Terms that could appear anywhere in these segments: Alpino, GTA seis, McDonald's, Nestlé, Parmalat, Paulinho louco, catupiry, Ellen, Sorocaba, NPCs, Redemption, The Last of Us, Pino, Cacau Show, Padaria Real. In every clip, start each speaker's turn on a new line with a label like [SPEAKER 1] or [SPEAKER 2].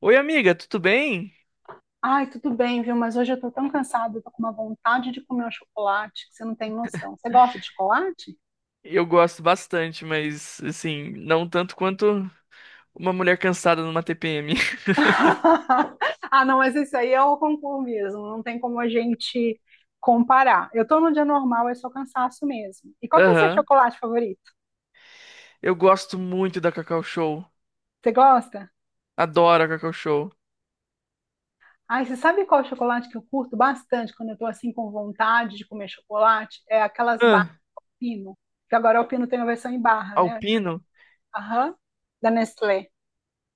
[SPEAKER 1] Oi, amiga, tudo bem?
[SPEAKER 2] Ai, tudo bem, viu? Mas hoje eu tô tão cansada, eu tô com uma vontade de comer um chocolate que você não tem noção. Você gosta de chocolate?
[SPEAKER 1] Eu gosto bastante, mas assim, não tanto quanto uma mulher cansada numa TPM.
[SPEAKER 2] Ah, não, mas isso aí é o concurso mesmo, não tem como a gente comparar. Eu tô num dia normal, é só cansaço mesmo. E qual que é o seu
[SPEAKER 1] Aham.
[SPEAKER 2] chocolate favorito?
[SPEAKER 1] Eu gosto muito da Cacau Show.
[SPEAKER 2] Você gosta?
[SPEAKER 1] Adoro a Cacau Show.
[SPEAKER 2] Ai, você sabe qual chocolate que eu curto bastante quando eu tô assim com vontade de comer chocolate? É aquelas barras
[SPEAKER 1] Ah,
[SPEAKER 2] Pino, que agora o Pino tem a versão em barra, né?
[SPEAKER 1] Alpino.
[SPEAKER 2] Aham, da Nestlé.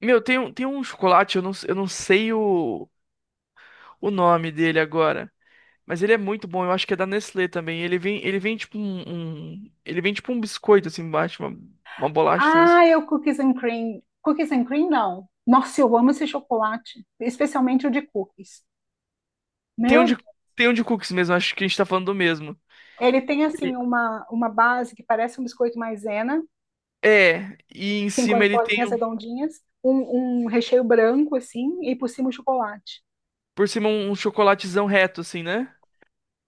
[SPEAKER 1] Meu, tem um chocolate, eu não sei o nome dele agora. Mas ele é muito bom, eu acho que é da Nestlé também. Ele vem tipo ele vem tipo um biscoito assim embaixo, uma bolacha assim.
[SPEAKER 2] Ah, eu cookies and cream. Cookies and cream, não. Nossa, eu amo esse chocolate, especialmente o de cookies.
[SPEAKER 1] Tem um
[SPEAKER 2] Meu,
[SPEAKER 1] de,
[SPEAKER 2] Deus.
[SPEAKER 1] tem um de cookies mesmo, acho que a gente tá falando do mesmo.
[SPEAKER 2] Ele tem assim uma base que parece um biscoito maisena,
[SPEAKER 1] É, e em
[SPEAKER 2] assim, com
[SPEAKER 1] cima
[SPEAKER 2] as bolinhas redondinhas, um recheio branco, assim, e por cima o chocolate.
[SPEAKER 1] por cima um chocolatezão reto, assim, né?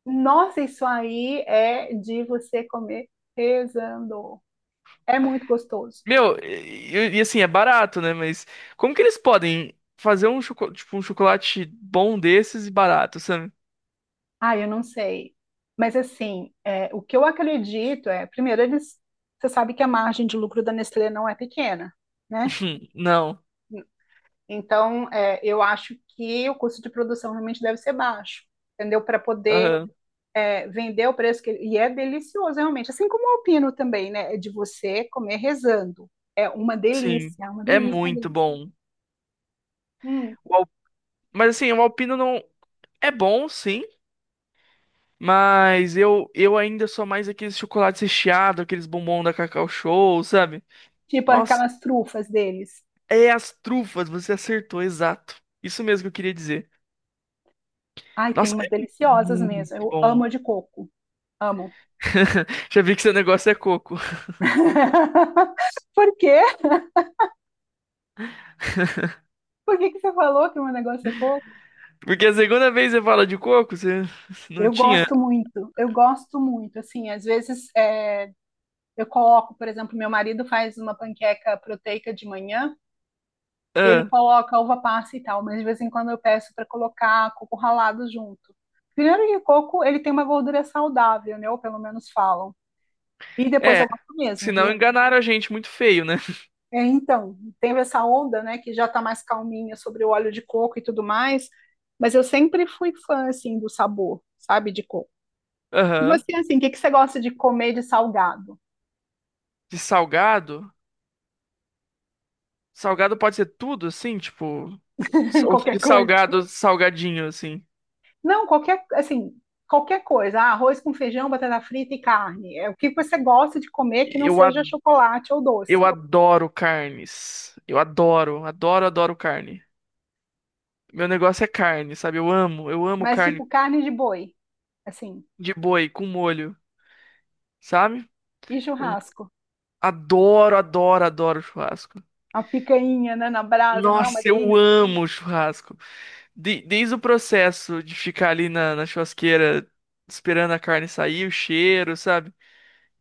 [SPEAKER 2] Nossa, isso aí é de você comer rezando. É muito gostoso.
[SPEAKER 1] Meu, e assim, é barato, né? Mas como que eles podem fazer um chocolate bom desses e barato, sabe?
[SPEAKER 2] Ah, eu não sei. Mas assim, é, o que eu acredito é, primeiro, eles, você sabe que a margem de lucro da Nestlé não é pequena, né?
[SPEAKER 1] Não.
[SPEAKER 2] Então, é, eu acho que o custo de produção realmente deve ser baixo, entendeu? Para poder
[SPEAKER 1] Aham.
[SPEAKER 2] vender o preço que ele, e é delicioso realmente, assim como o alpino também, né? É de você comer rezando, é uma
[SPEAKER 1] Sim.
[SPEAKER 2] delícia, uma
[SPEAKER 1] É
[SPEAKER 2] delícia, uma
[SPEAKER 1] muito
[SPEAKER 2] delícia.
[SPEAKER 1] bom.
[SPEAKER 2] Hum,
[SPEAKER 1] O al- Mas assim, o Alpino não. É bom, sim. Mas eu ainda sou mais aqueles chocolates recheados, aqueles bombom da Cacau Show, sabe?
[SPEAKER 2] tipo
[SPEAKER 1] Nossa,
[SPEAKER 2] aquelas trufas deles.
[SPEAKER 1] é as trufas, você acertou, exato. Isso mesmo que eu queria dizer.
[SPEAKER 2] Ai, tem
[SPEAKER 1] Nossa,
[SPEAKER 2] umas
[SPEAKER 1] é
[SPEAKER 2] deliciosas
[SPEAKER 1] muito
[SPEAKER 2] mesmo. Eu
[SPEAKER 1] bom.
[SPEAKER 2] amo a de coco, amo.
[SPEAKER 1] Já vi que seu negócio é coco.
[SPEAKER 2] Por quê? Por que que você falou que o meu negócio é coco?
[SPEAKER 1] Porque a segunda vez você fala de coco, você não
[SPEAKER 2] Eu
[SPEAKER 1] tinha.
[SPEAKER 2] gosto muito, eu gosto muito. Assim, às vezes é, eu coloco, por exemplo, meu marido faz uma panqueca proteica de manhã, ele
[SPEAKER 1] Ah,
[SPEAKER 2] coloca uva passa e tal, mas de vez em quando eu peço para colocar coco ralado junto. Primeiro que o coco, ele tem uma gordura saudável, né? Ou pelo menos falam. E depois
[SPEAKER 1] é.
[SPEAKER 2] eu gosto mesmo,
[SPEAKER 1] Senão
[SPEAKER 2] viu?
[SPEAKER 1] enganaram a gente muito feio, né?
[SPEAKER 2] É, então, teve essa onda, né, que já tá mais calminha sobre o óleo de coco e tudo mais, mas eu sempre fui fã, assim, do sabor, sabe, de coco. E
[SPEAKER 1] Aham.
[SPEAKER 2] você, assim, o que que você gosta de comer de salgado?
[SPEAKER 1] De salgado? Salgado pode ser tudo, assim, tipo. Ou
[SPEAKER 2] Qualquer
[SPEAKER 1] de
[SPEAKER 2] coisa?
[SPEAKER 1] salgado, salgadinho, assim.
[SPEAKER 2] Não, qualquer, assim, qualquer coisa. Ah, arroz com feijão, batata frita e carne. É o que você gosta de comer que não
[SPEAKER 1] Eu, a-
[SPEAKER 2] seja chocolate ou
[SPEAKER 1] eu
[SPEAKER 2] doce.
[SPEAKER 1] adoro carnes. Eu adoro, adoro, adoro carne. Meu negócio é carne, sabe? Eu amo
[SPEAKER 2] Mas,
[SPEAKER 1] carne
[SPEAKER 2] tipo, carne de boi, assim,
[SPEAKER 1] de boi com molho, sabe?
[SPEAKER 2] e
[SPEAKER 1] Um
[SPEAKER 2] churrasco.
[SPEAKER 1] adoro, adoro, adoro churrasco.
[SPEAKER 2] A picanha, né, na brasa, não é uma
[SPEAKER 1] Nossa, eu
[SPEAKER 2] delícia?
[SPEAKER 1] amo churrasco. Desde o processo de ficar ali na churrasqueira esperando a carne sair, o cheiro, sabe?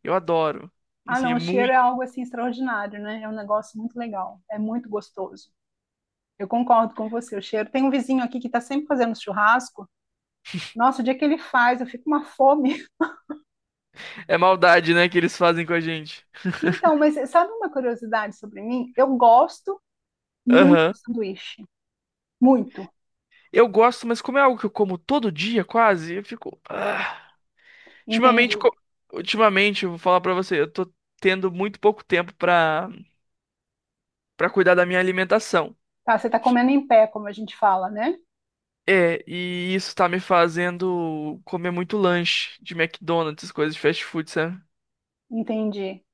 [SPEAKER 1] Eu adoro.
[SPEAKER 2] Ah,
[SPEAKER 1] Assim,
[SPEAKER 2] não,
[SPEAKER 1] é
[SPEAKER 2] o cheiro
[SPEAKER 1] muito.
[SPEAKER 2] é algo assim extraordinário, né? É um negócio muito legal, é muito gostoso. Eu concordo com você, o cheiro. Tem um vizinho aqui que está sempre fazendo churrasco. Nossa, o dia que ele faz, eu fico uma fome.
[SPEAKER 1] É maldade, né, que eles fazem com a gente.
[SPEAKER 2] Então, mas sabe uma curiosidade sobre mim? Eu gosto muito
[SPEAKER 1] Aham.
[SPEAKER 2] de sanduíche, muito.
[SPEAKER 1] Eu gosto, mas como é algo que eu como todo dia, quase, eu fico. Ah. Ultimamente,
[SPEAKER 2] Entendi.
[SPEAKER 1] co- ultimamente, eu vou falar pra você, eu tô tendo muito pouco tempo pra cuidar da minha alimentação.
[SPEAKER 2] Tá, você está comendo em pé, como a gente fala, né?
[SPEAKER 1] É, e isso tá me fazendo comer muito lanche de McDonald's, coisas de fast food, sabe?
[SPEAKER 2] Entendi.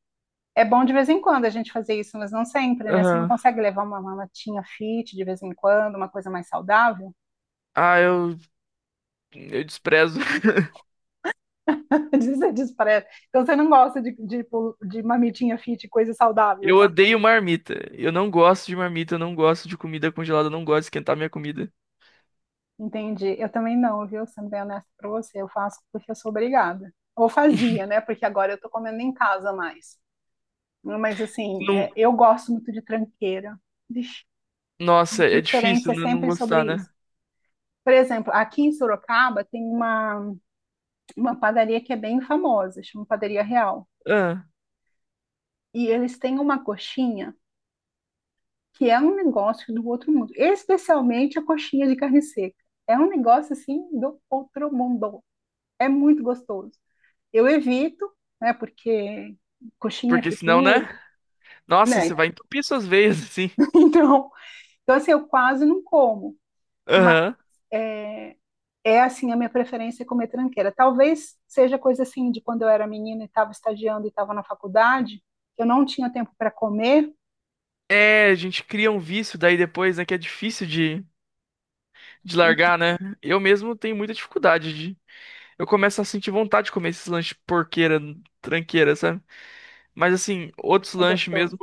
[SPEAKER 2] É bom de vez em quando a gente fazer isso, mas não sempre, né? Você não
[SPEAKER 1] Aham.
[SPEAKER 2] consegue levar uma latinha fit de vez em quando, uma coisa mais saudável?
[SPEAKER 1] Ah, eu desprezo.
[SPEAKER 2] Você despreza. Então você não gosta tipo, de mamitinha fit, coisa saudável,
[SPEAKER 1] Eu
[SPEAKER 2] assim.
[SPEAKER 1] odeio marmita. Eu não gosto de marmita, eu não gosto de comida congelada, eu não gosto de esquentar minha comida.
[SPEAKER 2] Entendi. Eu também não, viu? Sendo bem honesta pra você, eu faço porque eu sou obrigada. Ou fazia, né? Porque agora eu tô comendo em casa mais. Mas assim,
[SPEAKER 1] Não,
[SPEAKER 2] é, eu gosto muito de tranqueira. Vixe, de
[SPEAKER 1] nossa, é
[SPEAKER 2] preferência
[SPEAKER 1] difícil
[SPEAKER 2] é
[SPEAKER 1] né, não
[SPEAKER 2] sempre sobre
[SPEAKER 1] gostar,
[SPEAKER 2] isso.
[SPEAKER 1] né?
[SPEAKER 2] Por exemplo, aqui em Sorocaba tem uma padaria que é bem famosa, chama Padaria Real.
[SPEAKER 1] Ah,
[SPEAKER 2] E eles têm uma coxinha que é um negócio do outro mundo, especialmente a coxinha de carne seca. É um negócio assim do outro mundo. É muito gostoso. Eu evito, né, porque coxinha, é
[SPEAKER 1] porque senão, né?
[SPEAKER 2] fritura,
[SPEAKER 1] Nossa, você
[SPEAKER 2] né?
[SPEAKER 1] vai entupir suas veias, assim.
[SPEAKER 2] Então, então assim, eu quase não como, mas
[SPEAKER 1] Aham.
[SPEAKER 2] é, é assim a minha preferência é comer tranqueira. Talvez seja coisa assim de quando eu era menina e estava estagiando e estava na faculdade, eu não tinha tempo para comer
[SPEAKER 1] É, a gente cria um vício daí depois, né? Que é difícil de
[SPEAKER 2] e
[SPEAKER 1] largar, né? Eu mesmo tenho muita dificuldade. Eu começo a sentir vontade de comer esses lanches porqueira, tranqueira, sabe? Mas assim, outros
[SPEAKER 2] é
[SPEAKER 1] lanches
[SPEAKER 2] gostoso.
[SPEAKER 1] mesmo,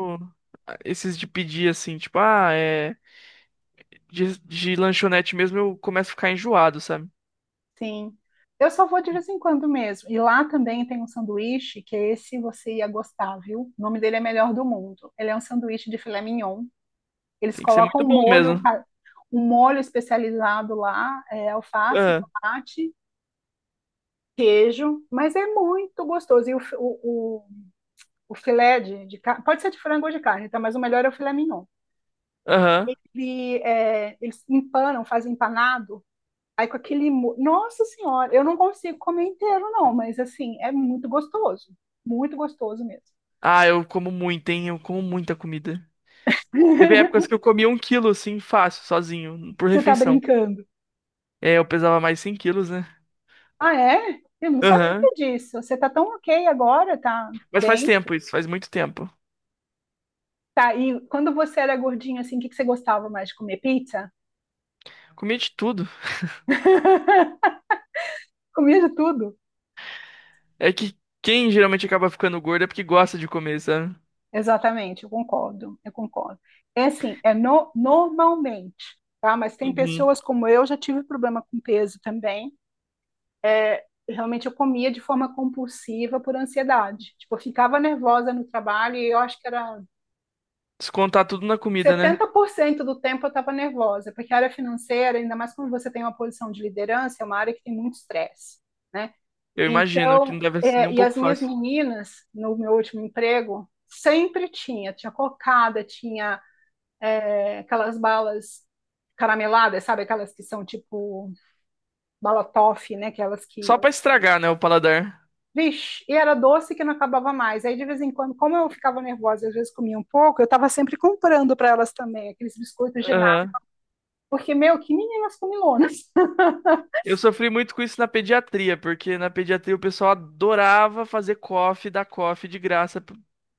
[SPEAKER 1] ah, esses de pedir assim, tipo, ah, é. De lanchonete mesmo, eu começo a ficar enjoado, sabe?
[SPEAKER 2] Sim. Eu só vou de vez em quando mesmo. E lá também tem um sanduíche que esse você ia gostar, viu? O nome dele é Melhor do Mundo. Ele é um sanduíche de filé mignon. Eles
[SPEAKER 1] Tem que ser
[SPEAKER 2] colocam
[SPEAKER 1] muito
[SPEAKER 2] um
[SPEAKER 1] bom
[SPEAKER 2] molho,
[SPEAKER 1] mesmo.
[SPEAKER 2] um molho especializado lá, é, alface,
[SPEAKER 1] Ah.
[SPEAKER 2] tomate, queijo, mas é muito gostoso. E o, fi- o filé de carne, pode ser de frango ou de carne, tá? Mas o melhor é o filé mignon.
[SPEAKER 1] Aham.
[SPEAKER 2] E é, eles empanam, fazem empanado. Aí com aquele Nossa Senhora, eu não consigo comer inteiro, não, mas assim, é muito gostoso. Muito gostoso mesmo.
[SPEAKER 1] Ah, eu como muito, hein? Eu como muita comida. Teve épocas que eu comia um quilo, assim, fácil, sozinho, por
[SPEAKER 2] Você tá
[SPEAKER 1] refeição.
[SPEAKER 2] brincando?
[SPEAKER 1] É, eu pesava mais 100 quilos, né?
[SPEAKER 2] Ah, é? Eu não sabia
[SPEAKER 1] Aham.
[SPEAKER 2] disso. Você tá tão ok agora, tá
[SPEAKER 1] Mas faz
[SPEAKER 2] bem?
[SPEAKER 1] tempo isso, faz muito tempo.
[SPEAKER 2] Tá, e quando você era gordinho, assim, o que que você gostava mais de comer? Pizza?
[SPEAKER 1] Comia de tudo.
[SPEAKER 2] Comia de tudo?
[SPEAKER 1] É que quem geralmente acaba ficando gordo é porque gosta de comer, sabe?
[SPEAKER 2] Exatamente, eu concordo, eu concordo. É assim, é normalmente, tá? Mas tem
[SPEAKER 1] Uhum.
[SPEAKER 2] pessoas como eu, já tive problema com peso também. Realmente eu comia de forma compulsiva por ansiedade. Tipo, eu ficava nervosa no trabalho e eu acho que era
[SPEAKER 1] Descontar tudo na comida, né?
[SPEAKER 2] 70% do tempo eu estava nervosa, porque a área financeira, ainda mais quando você tem uma posição de liderança, é uma área que tem muito estresse, né?
[SPEAKER 1] Eu imagino que não
[SPEAKER 2] Então,
[SPEAKER 1] deve ser nem
[SPEAKER 2] é,
[SPEAKER 1] um
[SPEAKER 2] e as
[SPEAKER 1] pouco
[SPEAKER 2] minhas
[SPEAKER 1] fácil.
[SPEAKER 2] meninas, no meu último emprego, sempre tinha, tinha cocada, tinha é, aquelas balas carameladas, sabe? Aquelas que são tipo bala toffee, né? Aquelas
[SPEAKER 1] Só
[SPEAKER 2] que
[SPEAKER 1] pra estragar, né, o paladar.
[SPEAKER 2] vixe, e era doce que não acabava mais. Aí, de vez em quando, como eu ficava nervosa, às vezes comia um pouco, eu estava sempre comprando para elas também aqueles biscoitos de nata.
[SPEAKER 1] Aham.
[SPEAKER 2] Porque, meu, que meninas comilonas.
[SPEAKER 1] Eu sofri muito com isso na pediatria, porque na pediatria o pessoal adorava fazer coffee, dar coffee de graça.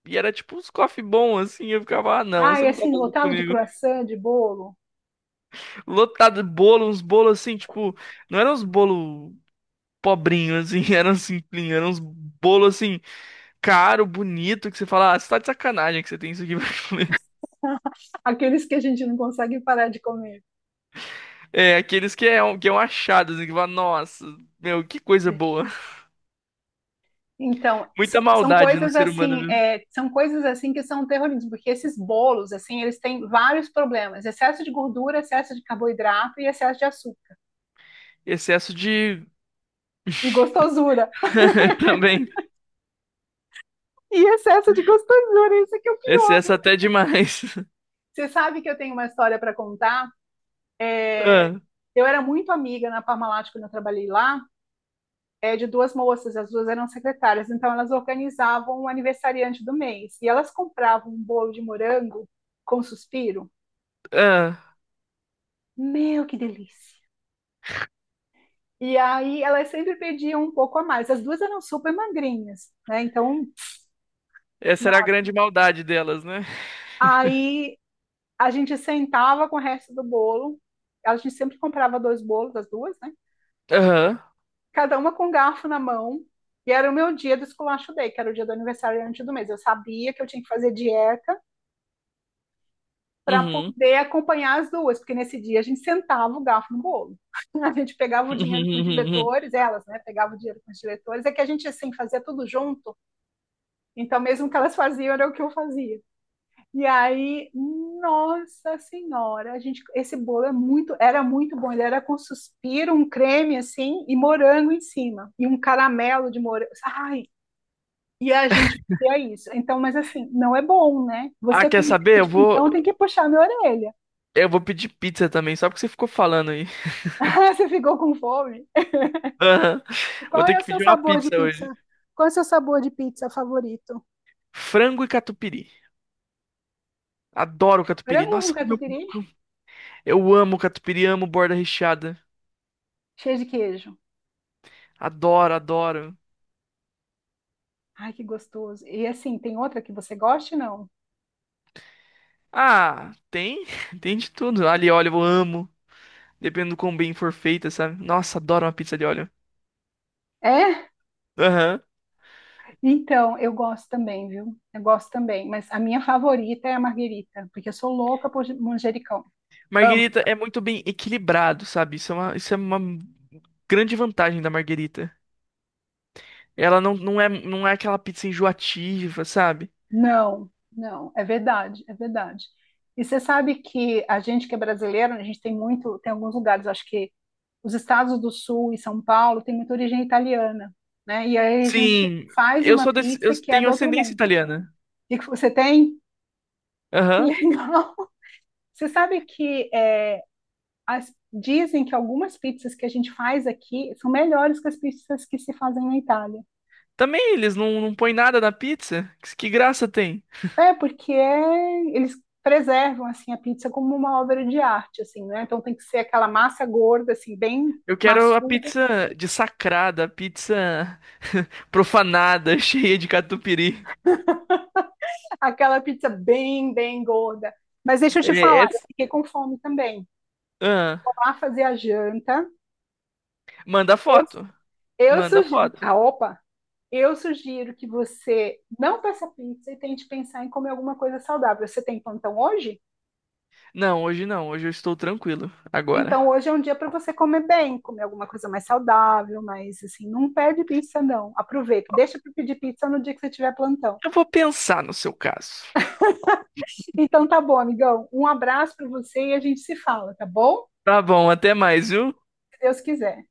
[SPEAKER 1] E era tipo uns coffee bons, assim. Eu ficava, ah, não, você
[SPEAKER 2] Ai,
[SPEAKER 1] não tá
[SPEAKER 2] assim,
[SPEAKER 1] fazendo isso
[SPEAKER 2] lotado de
[SPEAKER 1] comigo.
[SPEAKER 2] croissant, de bolo,
[SPEAKER 1] Lotado de bolo, uns bolos assim, tipo, não eram uns bolos pobrinhos, assim, eram simplinhos, eram uns bolos assim, caro, bonito, que você fala, ah, você tá de sacanagem que você tem isso aqui pra comer.
[SPEAKER 2] aqueles que a gente não consegue parar de comer.
[SPEAKER 1] É, aqueles que é, que é um achado, assim, que fala, nossa, meu, que coisa boa.
[SPEAKER 2] Vixe. Então,
[SPEAKER 1] Muita
[SPEAKER 2] são
[SPEAKER 1] maldade no
[SPEAKER 2] coisas
[SPEAKER 1] ser humano,
[SPEAKER 2] assim,
[SPEAKER 1] viu?
[SPEAKER 2] é, são coisas assim que são terrorismo, porque esses bolos, assim, eles têm vários problemas: excesso de gordura, excesso de carboidrato e excesso de açúcar.
[SPEAKER 1] Excesso de.
[SPEAKER 2] E gostosura.
[SPEAKER 1] Também.
[SPEAKER 2] E excesso de gostosura, isso que é o pior.
[SPEAKER 1] Excesso até demais.
[SPEAKER 2] Você sabe que eu tenho uma história para contar?
[SPEAKER 1] Ah,
[SPEAKER 2] Eu era muito amiga na Parmalat quando eu trabalhei lá, é, de duas moças, as duas eram secretárias, então elas organizavam o aniversariante do mês e elas compravam um bolo de morango com suspiro.
[SPEAKER 1] ah.
[SPEAKER 2] Meu, que delícia! E aí elas sempre pediam um pouco a mais. As duas eram super magrinhas, né? Então,
[SPEAKER 1] Essa era a grande maldade delas, né?
[SPEAKER 2] aí a gente sentava com o resto do bolo. A gente sempre comprava dois bolos, as duas, né?
[SPEAKER 1] Aham.
[SPEAKER 2] Cada uma com um garfo na mão. E era o meu dia do esculacho day, que era o dia do aniversariante do mês. Eu sabia que eu tinha que fazer dieta para
[SPEAKER 1] Uhum.
[SPEAKER 2] poder acompanhar as duas, porque nesse dia a gente sentava o garfo no bolo. A gente pegava o dinheiro com os diretores, elas, né, pegavam o dinheiro com os diretores, é que a gente, assim, fazia tudo junto, então mesmo que elas faziam, era o que eu fazia. E aí, nossa senhora, a gente, esse bolo é muito, era muito bom, ele era com suspiro, um creme, assim, e morango em cima, e um caramelo de morango, ai, e a gente fazia isso. Então, mas assim, não é bom, né?
[SPEAKER 1] Ah,
[SPEAKER 2] Você
[SPEAKER 1] quer
[SPEAKER 2] com
[SPEAKER 1] saber?
[SPEAKER 2] tipo, então tem que puxar minha orelha.
[SPEAKER 1] Eu vou pedir pizza também, só porque você ficou falando aí.
[SPEAKER 2] Você ficou com fome?
[SPEAKER 1] Aham.
[SPEAKER 2] E qual
[SPEAKER 1] Vou ter
[SPEAKER 2] é o
[SPEAKER 1] que
[SPEAKER 2] seu
[SPEAKER 1] pedir uma
[SPEAKER 2] sabor de
[SPEAKER 1] pizza hoje.
[SPEAKER 2] pizza? Qual é o seu sabor de pizza favorito?
[SPEAKER 1] Frango e catupiry. Adoro catupiry.
[SPEAKER 2] Frango com
[SPEAKER 1] Nossa,
[SPEAKER 2] catupiry?
[SPEAKER 1] eu amo catupiry, amo borda recheada.
[SPEAKER 2] Cheio de queijo.
[SPEAKER 1] Adoro, adoro.
[SPEAKER 2] Ai, que gostoso. E assim, tem outra que você goste, não?
[SPEAKER 1] Ah, tem, tem de tudo. Alho e óleo eu amo, dependendo do quão bem for feita, sabe? Nossa, adoro uma pizza de óleo.
[SPEAKER 2] É?
[SPEAKER 1] Aham.
[SPEAKER 2] Então, eu gosto também, viu? Eu gosto também. Mas a minha favorita é a marguerita, porque eu sou louca por manjericão.
[SPEAKER 1] Marguerita é muito bem equilibrado, sabe? Isso é uma grande vantagem da Marguerita. Ela não é, não é aquela pizza enjoativa, sabe?
[SPEAKER 2] Não, não, é verdade, é verdade. E você sabe que a gente que é brasileiro, né, a gente tem muito, tem alguns lugares, acho que os estados do Sul e São Paulo tem muita origem italiana, né? E aí a gente
[SPEAKER 1] Sim,
[SPEAKER 2] faz
[SPEAKER 1] eu
[SPEAKER 2] uma
[SPEAKER 1] sou desse, eu
[SPEAKER 2] pizza que é
[SPEAKER 1] tenho
[SPEAKER 2] do outro
[SPEAKER 1] ascendência
[SPEAKER 2] mundo.
[SPEAKER 1] italiana.
[SPEAKER 2] E que você tem? Que
[SPEAKER 1] Aham.
[SPEAKER 2] legal! Você sabe que é, dizem que algumas pizzas que a gente faz aqui são melhores que as pizzas que se fazem na Itália.
[SPEAKER 1] Também eles não, não põem nada na pizza. Que graça tem?
[SPEAKER 2] É, porque eles preservam assim a pizza como uma obra de arte, assim, né? Então tem que ser aquela massa gorda, assim, bem
[SPEAKER 1] Eu quero a
[SPEAKER 2] maçuda,
[SPEAKER 1] pizza dessacrada, a pizza profanada, cheia de catupiry.
[SPEAKER 2] aquela pizza bem, bem gorda. Mas deixa eu te falar,
[SPEAKER 1] É, é...
[SPEAKER 2] eu fiquei com fome também.
[SPEAKER 1] Ah,
[SPEAKER 2] Vou lá fazer a janta.
[SPEAKER 1] manda
[SPEAKER 2] Eu,
[SPEAKER 1] foto.
[SPEAKER 2] eu
[SPEAKER 1] Manda
[SPEAKER 2] sugiro,
[SPEAKER 1] foto.
[SPEAKER 2] ah, opa, eu sugiro que você não peça pizza e tente pensar em comer alguma coisa saudável. Você tem plantão hoje?
[SPEAKER 1] Não, hoje não. Hoje eu estou tranquilo.
[SPEAKER 2] Então
[SPEAKER 1] Agora.
[SPEAKER 2] hoje é um dia para você comer bem, comer alguma coisa mais saudável, mas assim, não pede pizza não. Aproveita, deixa para pedir pizza no dia que você tiver plantão.
[SPEAKER 1] Eu vou pensar no seu caso.
[SPEAKER 2] Então tá bom, amigão. Um abraço para você e a gente se fala, tá bom?
[SPEAKER 1] Tá bom, até mais, viu?
[SPEAKER 2] Se Deus quiser.